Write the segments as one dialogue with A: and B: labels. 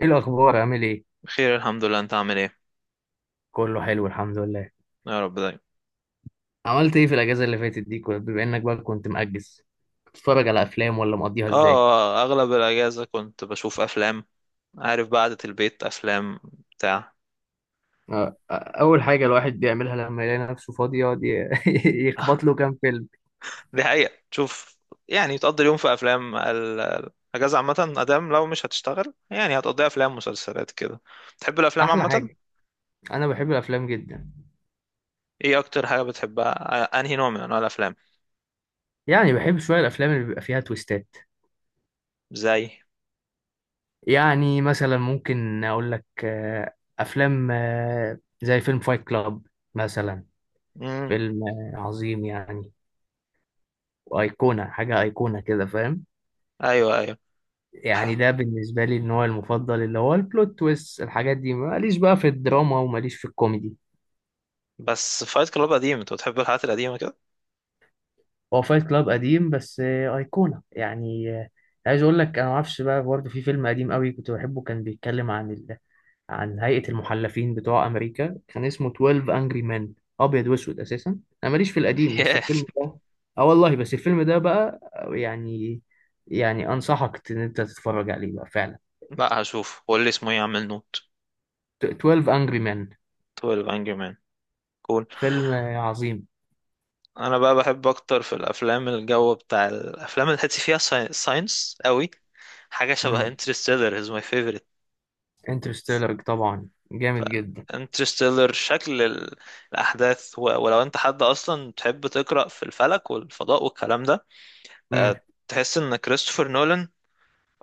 A: ايه الاخبار عامل ايه؟
B: بخير الحمد لله، انت عامل ايه؟
A: كله حلو الحمد لله.
B: يا رب دايما.
A: عملت ايه في الاجازه اللي فاتت دي بما انك بقى كنت مأجز؟ بتتفرج على افلام ولا مقضيها ازاي؟
B: اه، اغلب الاجازه كنت بشوف افلام. عارف بقى، قعده البيت افلام بتاع.
A: آه، آه. اول حاجه الواحد بيعملها لما يلاقي نفسه فاضي يقعد يخبط له كام فيلم.
B: دي حقيقه تشوف، يعني تقضي اليوم في افلام، الاجازه عامه ادام لو مش هتشتغل يعني هتقضيها افلام مسلسلات كده. بتحب الافلام
A: احلى
B: عامه؟
A: حاجه. انا بحب الافلام جدا.
B: ايه اكتر حاجه بتحبها، انهي نوع من انواع الافلام؟
A: يعني بحب شويه الافلام اللي بيبقى فيها تويستات.
B: زي.
A: يعني مثلا ممكن اقول لك افلام زي فيلم فايت كلاب مثلا.
B: امم
A: فيلم عظيم يعني. وايقونه حاجه، ايقونه كده فاهم.
B: ايوه ايوه.
A: يعني ده بالنسبة لي النوع المفضل اللي هو البلوت تويست، الحاجات دي ماليش بقى في الدراما وماليش في الكوميدي.
B: بس فايت كلاب قديم، انت بتحب الحاجات القديمه كده؟
A: هو فايت كلاب قديم بس أيقونة يعني عايز أقول لك، أنا معرفش بقى برضه في فيلم قديم قوي كنت بحبه، كان بيتكلم عن عن هيئة المحلفين بتوع أمريكا، كان اسمه 12 أنجري مان. أبيض وأسود أساسا. أنا ماليش في القديم بس
B: ياه.
A: الفيلم ده، آه والله، بس الفيلم ده بقى يعني يعني أنصحك إن أنت تتفرج عليه بقى فعلا.
B: لا هشوف، قول لي اسمه ايه، اعمل نوت.
A: 12 أنجري مان.
B: 12 انجري مان.
A: فيلم عظيم.
B: انا بقى بحب اكتر في الافلام الجو بتاع الافلام اللي حتي فيها ساينس قوي. حاجه شبه انترستيلر از ماي فيفورت.
A: انترستيلر طبعا جامد جدا.
B: انترستيلر شكل الاحداث، ولو انت حد اصلا تحب تقرا في الفلك والفضاء والكلام ده،
A: امم.
B: تحس ان كريستوفر نولان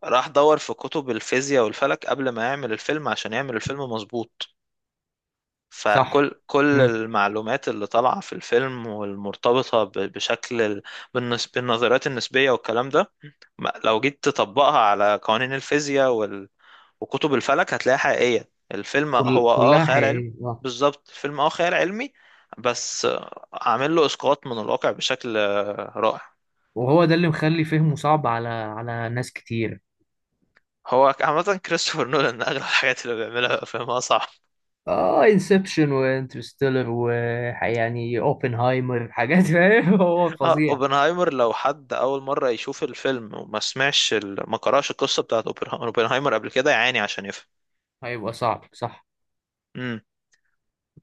B: راح دور في كتب الفيزياء والفلك قبل ما يعمل الفيلم عشان يعمل الفيلم مظبوط.
A: صح.
B: فكل
A: امم.
B: المعلومات اللي طالعه في الفيلم والمرتبطه بشكل بالنظريات النسبيه والكلام ده، لو جيت تطبقها على قوانين الفيزياء وكتب الفلك هتلاقيها حقيقية. الفيلم هو
A: كلها
B: خيال علمي.
A: حقيقية آه.
B: بالظبط، الفيلم خيال علمي بس، عامل له اسقاط من الواقع بشكل رائع.
A: وهو ده اللي مخلي فهمه صعب على ناس كتير.
B: هو عامة كريستوفر نولان أغلب الحاجات اللي بيعملها فيلمها صعب.
A: اه، انسبشن وانترستيلر و، يعني اوبنهايمر، حاجات فاهم، هو
B: اه،
A: فظيع.
B: اوبنهايمر لو حد أول مرة يشوف الفيلم ما قرأش القصة بتاعت اوبنهايمر قبل كده يعاني عشان يفهم.
A: هيبقى صعب صح.
B: مم.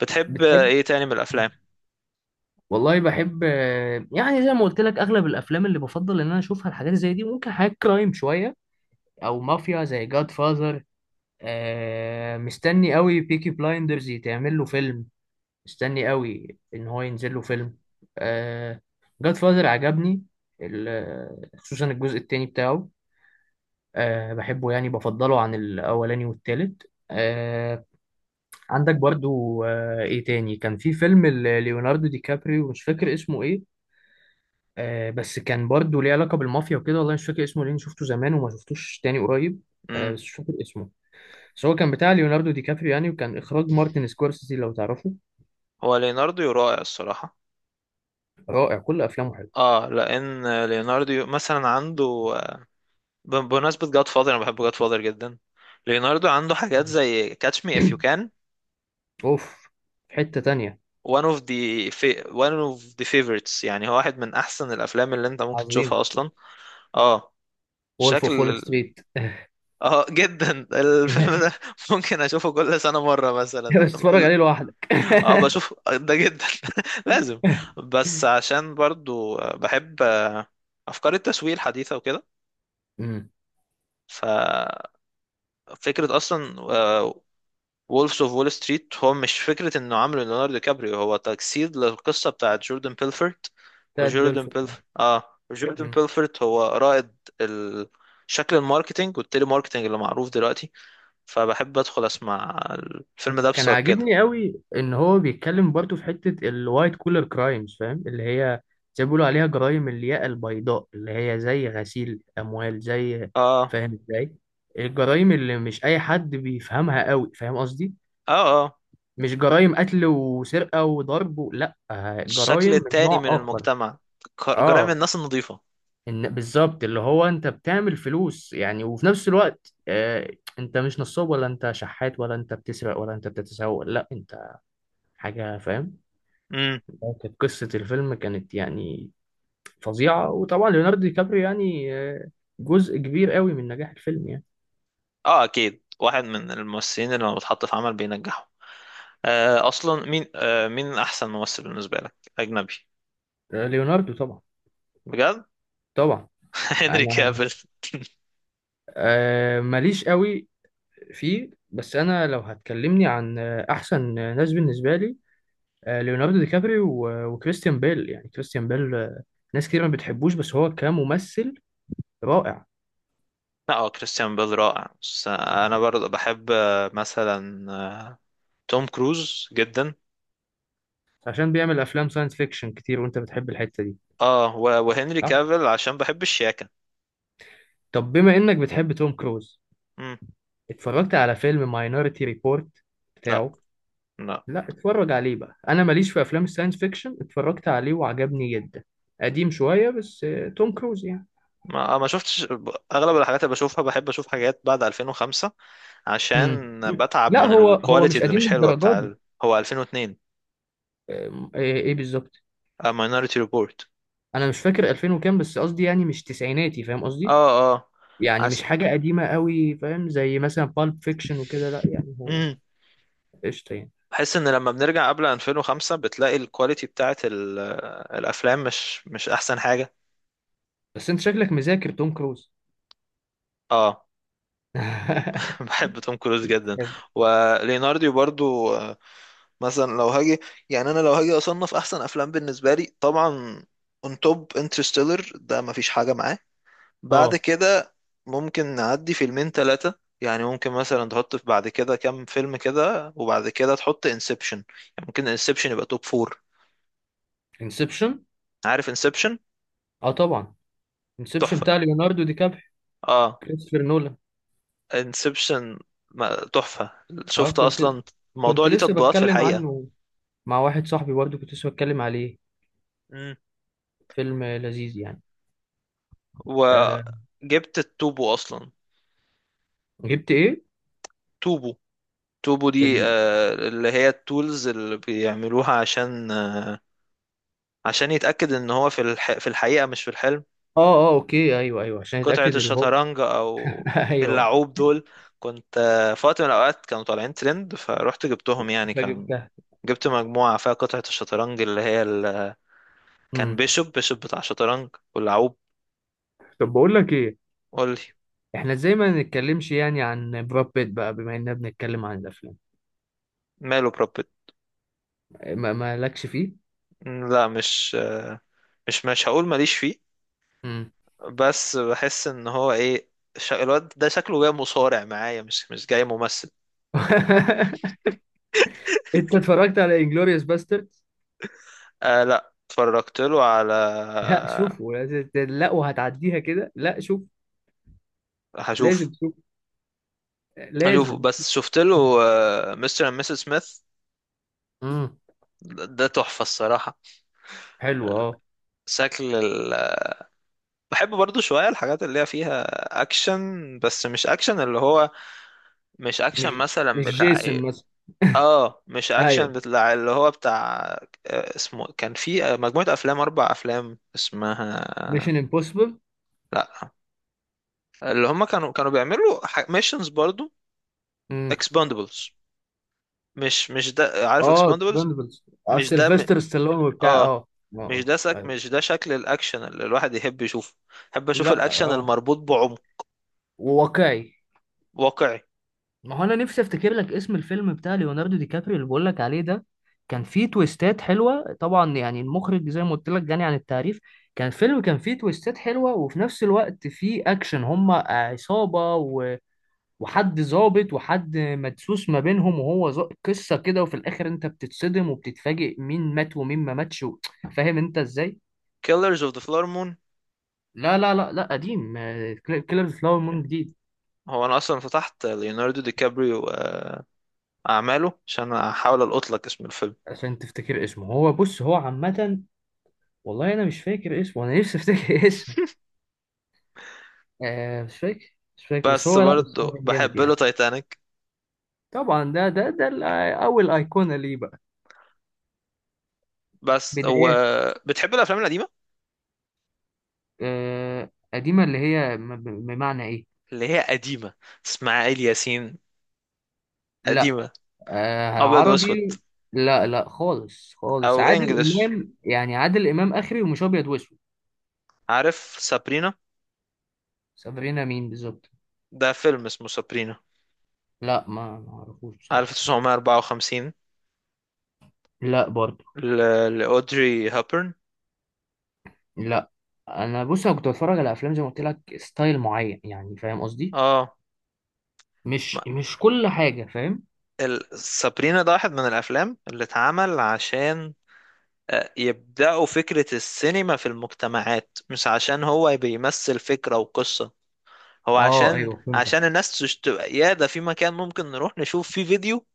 B: بتحب
A: بتحب
B: ايه تاني من الأفلام؟
A: والله بحب، يعني زي ما قلت لك اغلب الافلام اللي بفضل ان انا اشوفها الحاجات زي دي، ممكن حاجات كرايم شويه، او مافيا زي جاد فاذر. مستني قوي بيكي بلايندرز يتعمل له فيلم. مستني قوي ان هو ينزل له فيلم. آه. جاد فاذر عجبني خصوصا الجزء التاني بتاعه. آه بحبه، يعني بفضله عن الاولاني والتالت. آه. عندك برضو ايه تاني، كان في فيلم ليوناردو دي كابريو مش فاكر اسمه ايه. آه بس كان برضو ليه علاقة بالمافيا وكده، والله مش فاكر اسمه لان شفته زمان وما شفتوش تاني قريب. آه
B: مم.
A: بس مش فاكر اسمه. بس هو كان بتاع ليوناردو دي كابريو يعني، وكان اخراج مارتن سكورسيزي لو تعرفه.
B: هو ليناردو رائع الصراحة.
A: رائع كل افلامه.
B: اه، لان ليوناردو مثلا عنده، بمناسبه جاد فاذر انا بحب جاد فاذر جدا. ليوناردو عنده حاجات زي كاتش مي اف
A: حلوه.
B: يو كان.
A: اوف. في حتة تانية.
B: One of the favorites، يعني هو واحد من احسن الافلام اللي انت ممكن تشوفها
A: عظيم.
B: اصلا. اه.
A: وولف اوف وول
B: شكل.
A: ستريت.
B: اه، جدا الفيلم ده، ممكن اشوفه كل سنه مره مثلا.
A: بس اتفرج عليه لوحدك.
B: اه، بشوف ده جدا. لازم. بس عشان برضو بحب افكار التسويق الحديثه وكده.
A: امم.
B: ف، فكرة أصلا وولفز أوف وول ستريت هو مش فكرة إنه عامله ليوناردو دي كابريو، هو تجسيد للقصة بتاعت جوردن بيلفورت.
A: بتاعت
B: وجوردن
A: بيلفورد.
B: بيلفورت، جوردن
A: امم.
B: بيلفورت هو رائد شكل الماركتينج والتيلي ماركتينج اللي معروف دلوقتي. فبحب أدخل أسمع الفيلم ده
A: وكان
B: بسبب كده.
A: عاجبني قوي ان هو بيتكلم برضو في حتة الوايت كولر كرايمز فاهم، اللي هي زي ما بيقولوا عليها جرائم الياقة البيضاء، اللي هي زي غسيل اموال، زي،
B: آه،
A: فاهم ازاي، الجرائم اللي مش اي حد بيفهمها قوي فاهم قصدي.
B: آه، آه،
A: مش جرائم قتل وسرقة وضرب لا،
B: الشكل
A: جرائم من
B: التاني
A: نوع
B: من
A: اخر.
B: المجتمع، جرائم
A: اه.
B: الناس النظيفة.
A: ان بالظبط، اللي هو انت بتعمل فلوس يعني، وفي نفس الوقت انت مش نصاب ولا انت شحات ولا انت بتسرق ولا انت بتتسوق، لا انت حاجة فاهم.
B: امم.
A: كانت قصة الفيلم، كانت يعني فظيعة، وطبعا ليوناردو دي كابريو يعني جزء كبير قوي من نجاح الفيلم يعني.
B: آه، أكيد واحد من الممثلين اللي لما بتحط في عمل بينجحوا. اصلا مين، مين احسن ممثل بالنسبه لك اجنبي؟
A: آه، ليوناردو طبعا.
B: بجد؟
A: طبعا.
B: هنري
A: انا
B: كافيل.
A: ماليش قوي فيه، بس انا لو هتكلمني عن احسن ناس بالنسبة لي، ليوناردو دي كابريو وكريستيان بيل، يعني كريستيان بيل ناس كتير ما بتحبوش بس هو كممثل رائع.
B: اه، كريستيان بيل رائع، بس انا برضه بحب، مثلا توم كروز جدا.
A: عشان بيعمل افلام ساينس فيكشن كتير، وانت بتحب الحتة دي.
B: اه، وهنري
A: صح.
B: كافيل عشان بحب الشياكه.
A: طب بما انك بتحب توم كروز،
B: مم.
A: اتفرجت على فيلم ماينوريتي ريبورت
B: لا.
A: بتاعه؟
B: لا،
A: لا اتفرج عليه بقى، انا ماليش في افلام الساينس فيكشن، اتفرجت عليه وعجبني جدا. قديم شوية بس توم كروز يعني.
B: ما شفتش. اغلب الحاجات اللي بشوفها بحب اشوف حاجات بعد 2005
A: مم.
B: عشان بتعب
A: لا
B: من
A: هو
B: الكواليتي
A: مش
B: اللي
A: قديم
B: مش حلوه
A: للدرجة
B: بتاع
A: دي.
B: هو 2002،
A: إيه بالظبط.
B: ماينوريتي ريبورت.
A: انا مش فاكر 2000 وكام، بس قصدي يعني مش تسعيناتي فاهم
B: اه، Minority Report.
A: قصدي.
B: اه. آه.
A: يعني مش حاجه قديمه قوي فاهم، زي مثلا بالب فيكشن وكده، لا يعني هو
B: عس...
A: قشطه يعني.
B: بحس ان لما بنرجع قبل 2005 بتلاقي الكواليتي بتاعت الافلام مش احسن حاجه.
A: بس انت شكلك مذاكر توم كروز.
B: اه. بحب توم كروز جدا.
A: بتحبه.
B: وليناردو برضو، مثلا لو هاجي، يعني انا لو هاجي اصنف احسن افلام بالنسبه لي طبعا، اون توب انترستيلر ده مفيش حاجه معاه. بعد
A: اه
B: كده ممكن نعدي فيلمين ثلاثه، يعني ممكن مثلا تحط في بعد كده كام فيلم كده، وبعد كده تحط انسبشن. يعني ممكن انسبشن يبقى توب فور.
A: انسبشن.
B: عارف انسبشن؟
A: اه طبعا. انسبشن
B: تحفه.
A: بتاع ليوناردو دي كابريو.
B: اه.
A: كريستوفر نولان.
B: انسبشن تحفة.
A: اه
B: شفت
A: كنت،
B: اصلا الموضوع
A: كنت
B: ليه
A: لسه
B: تطبيقات في
A: بتكلم
B: الحقيقة.
A: عنه مع واحد صاحبي، برضه كنت لسه بتكلم عليه.
B: مم.
A: فيلم لذيذ يعني. آه.
B: وجبت التوبو اصلا.
A: جبت ايه؟
B: توبو. توبو دي
A: ال...
B: اللي هي التولز اللي بيعملوها عشان، عشان يتأكد ان هو في في الحقيقة مش في الحلم.
A: اه اه اوكي، ايوه ايوه، عشان
B: قطعة
A: اتاكد اللي هو،
B: الشطرنج، او
A: ايوه.
B: اللعوب دول. كنت في وقت من الاوقات كانوا طالعين ترند فروحت جبتهم، يعني كان.
A: فجبتها.
B: جبت مجموعة فيها قطعة الشطرنج اللي هي كان بيشوب بتاع شطرنج واللعوب.
A: طب بقول لك ايه،
B: قولي.
A: احنا ازاي ما نتكلمش يعني عن براد بيت بقى، بما اننا بنتكلم عن الافلام.
B: ماله بروبت.
A: ما مالكش فيه.
B: لا، مش هقول ماليش فيه.
A: امم.
B: بس بحس ان هو ايه، الواد ده شكله جاي مصارع معايا، مش جاي ممثل.
A: انت اتفرجت على انجلوريوس باسترد؟
B: آه لا، اتفرجت له على.
A: لا شوفه لا، وهتعديها كده؟ لا شوف.
B: هشوف.
A: لازم شوف.
B: هشوف،
A: لازم.
B: بس شفت له مستر اند مسز سميث.
A: امم.
B: ده تحفة الصراحة.
A: حلو اه.
B: شكل بحب برضو شوية الحاجات اللي هي فيها اكشن، بس مش اكشن اللي هو، مش اكشن
A: مش
B: مثلا
A: مش
B: بتاع
A: جيسون
B: إيه،
A: مثلا.
B: اه مش اكشن
A: ايوه.
B: بتاع اللي هو بتاع، اسمه كان في، مجموعة افلام، اربع افلام اسمها.
A: ميشن امبوسيبل.
B: لا. اللي هم كانوا بيعملوا ميشنز برضو،
A: امم.
B: اكسباندبلز. مش ده. عارف
A: اه
B: اكسباندبلز؟
A: ديبندبلز. اه
B: مش ده م...
A: سيلفستر ستالون وبتاع
B: اه
A: اه،
B: مش
A: اه،
B: ده
A: ايوه.
B: مش ده شكل الاكشن اللي الواحد يحب يشوفه. احب اشوف
A: لا
B: الاكشن
A: اه.
B: المربوط بعمق،
A: وواقعي.
B: واقعي.
A: ما هو انا نفسي افتكر لك اسم الفيلم بتاع ليوناردو دي كابريو اللي بقول لك عليه ده. كان فيه تويستات حلوه طبعا، يعني المخرج زي ما قلت لك غني عن التعريف. كان فيلم، كان فيه تويستات حلوه وفي نفس الوقت فيه اكشن، هما عصابه وحد ظابط وحد مدسوس ما بينهم، وهو قصه كده، وفي الاخر انت بتتصدم وبتتفاجئ مين مات ومين ما ماتش فاهم انت ازاي.
B: كيلرز اوف ذا فلور مون.
A: لا لا لا لا، قديم. كيلر فلاور مون جديد.
B: هو انا اصلا فتحت ليوناردو دي كابريو، اعماله عشان احاول القط لك اسم الفيلم.
A: عشان تفتكر اسمه، هو بص هو عامة، والله انا مش فاكر اسمه، انا نفسي افتكر اسمه. مش فاكر، مش فاكر، بس
B: بس
A: هو لا، بس هو
B: برضه
A: كان جامد
B: بحب له
A: يعني.
B: تايتانيك.
A: طبعا ده اول ايقونه ليه بقى.
B: بس هو.
A: بداياته.
B: بتحب الافلام القديمه؟
A: قديمه، اللي هي بمعنى ايه؟
B: اللي هي قديمه. اسماعيل ياسين.
A: لا.
B: قديمه.
A: آه
B: ابيض واسود.
A: عربي. لا لا، خالص خالص،
B: او
A: عادل
B: انجلش.
A: امام، يعني عادل امام اخري ومش ابيض واسود.
B: عارف سابرينا؟
A: سافرينا مين بالظبط؟
B: ده فيلم اسمه سابرينا.
A: لا ما اعرفوش بصراحه.
B: 1954.
A: لا برضه.
B: لاودري هابرن.
A: لا. انا بص انا كنت بتفرج على افلام زي ما قلت لك ستايل معين، يعني فاهم قصدي.
B: اه. ما-
A: مش كل حاجة فاهم.
B: سابرينا ده واحد من الافلام اللي اتعمل عشان، يبدأوا فكرة السينما في المجتمعات، مش عشان هو بيمثل فكرة وقصة. هو
A: اه
B: عشان
A: ايوه
B: عشان
A: فهمتك.
B: الناس تبقى يا ده في مكان ممكن نروح نشوف فيه فيديو،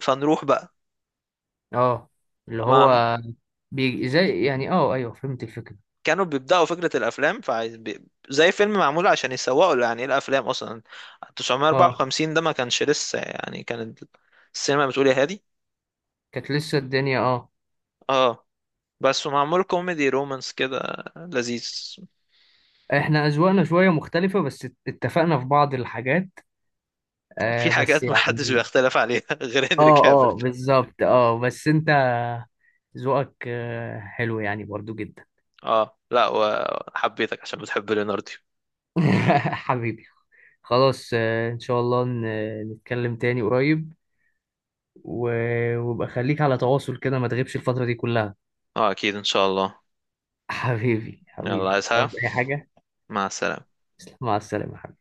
B: فنروح بقى.
A: اه اللي
B: ما
A: هو بي زي يعني، اه ايوه فهمت الفكرة.
B: كانوا بيبدأوا فكرة الأفلام، فعايز زي فيلم معمول عشان يسوقوا له، يعني إيه الأفلام أصلا.
A: اه
B: 954 ده ما كانش لسه، يعني كانت السينما بتقول يا هادي.
A: كانت لسه الدنيا اه.
B: اه. بس معمول كوميدي رومانس كده، لذيذ.
A: احنا اذواقنا شوية مختلفة، بس اتفقنا في بعض الحاجات.
B: في
A: بس
B: حاجات ما حدش
A: يعني،
B: بيختلف عليها غير هنري
A: اه اه
B: كافيل.
A: بالظبط، اه بس انت ذوقك حلو يعني، برضو جدا.
B: اه. لا، وحبيتك عشان بتحب ليوناردو.
A: حبيبي. خلاص ان شاء الله نتكلم تاني قريب، وابقى خليك على تواصل كده، ما تغيبش الفترة دي كلها.
B: اه اكيد ان شاء الله.
A: حبيبي
B: يلا،
A: حبيبي،
B: عايز
A: مش
B: حاجة؟
A: عاوز أي حاجة.
B: مع السلامة.
A: تسلم، مع السلامة.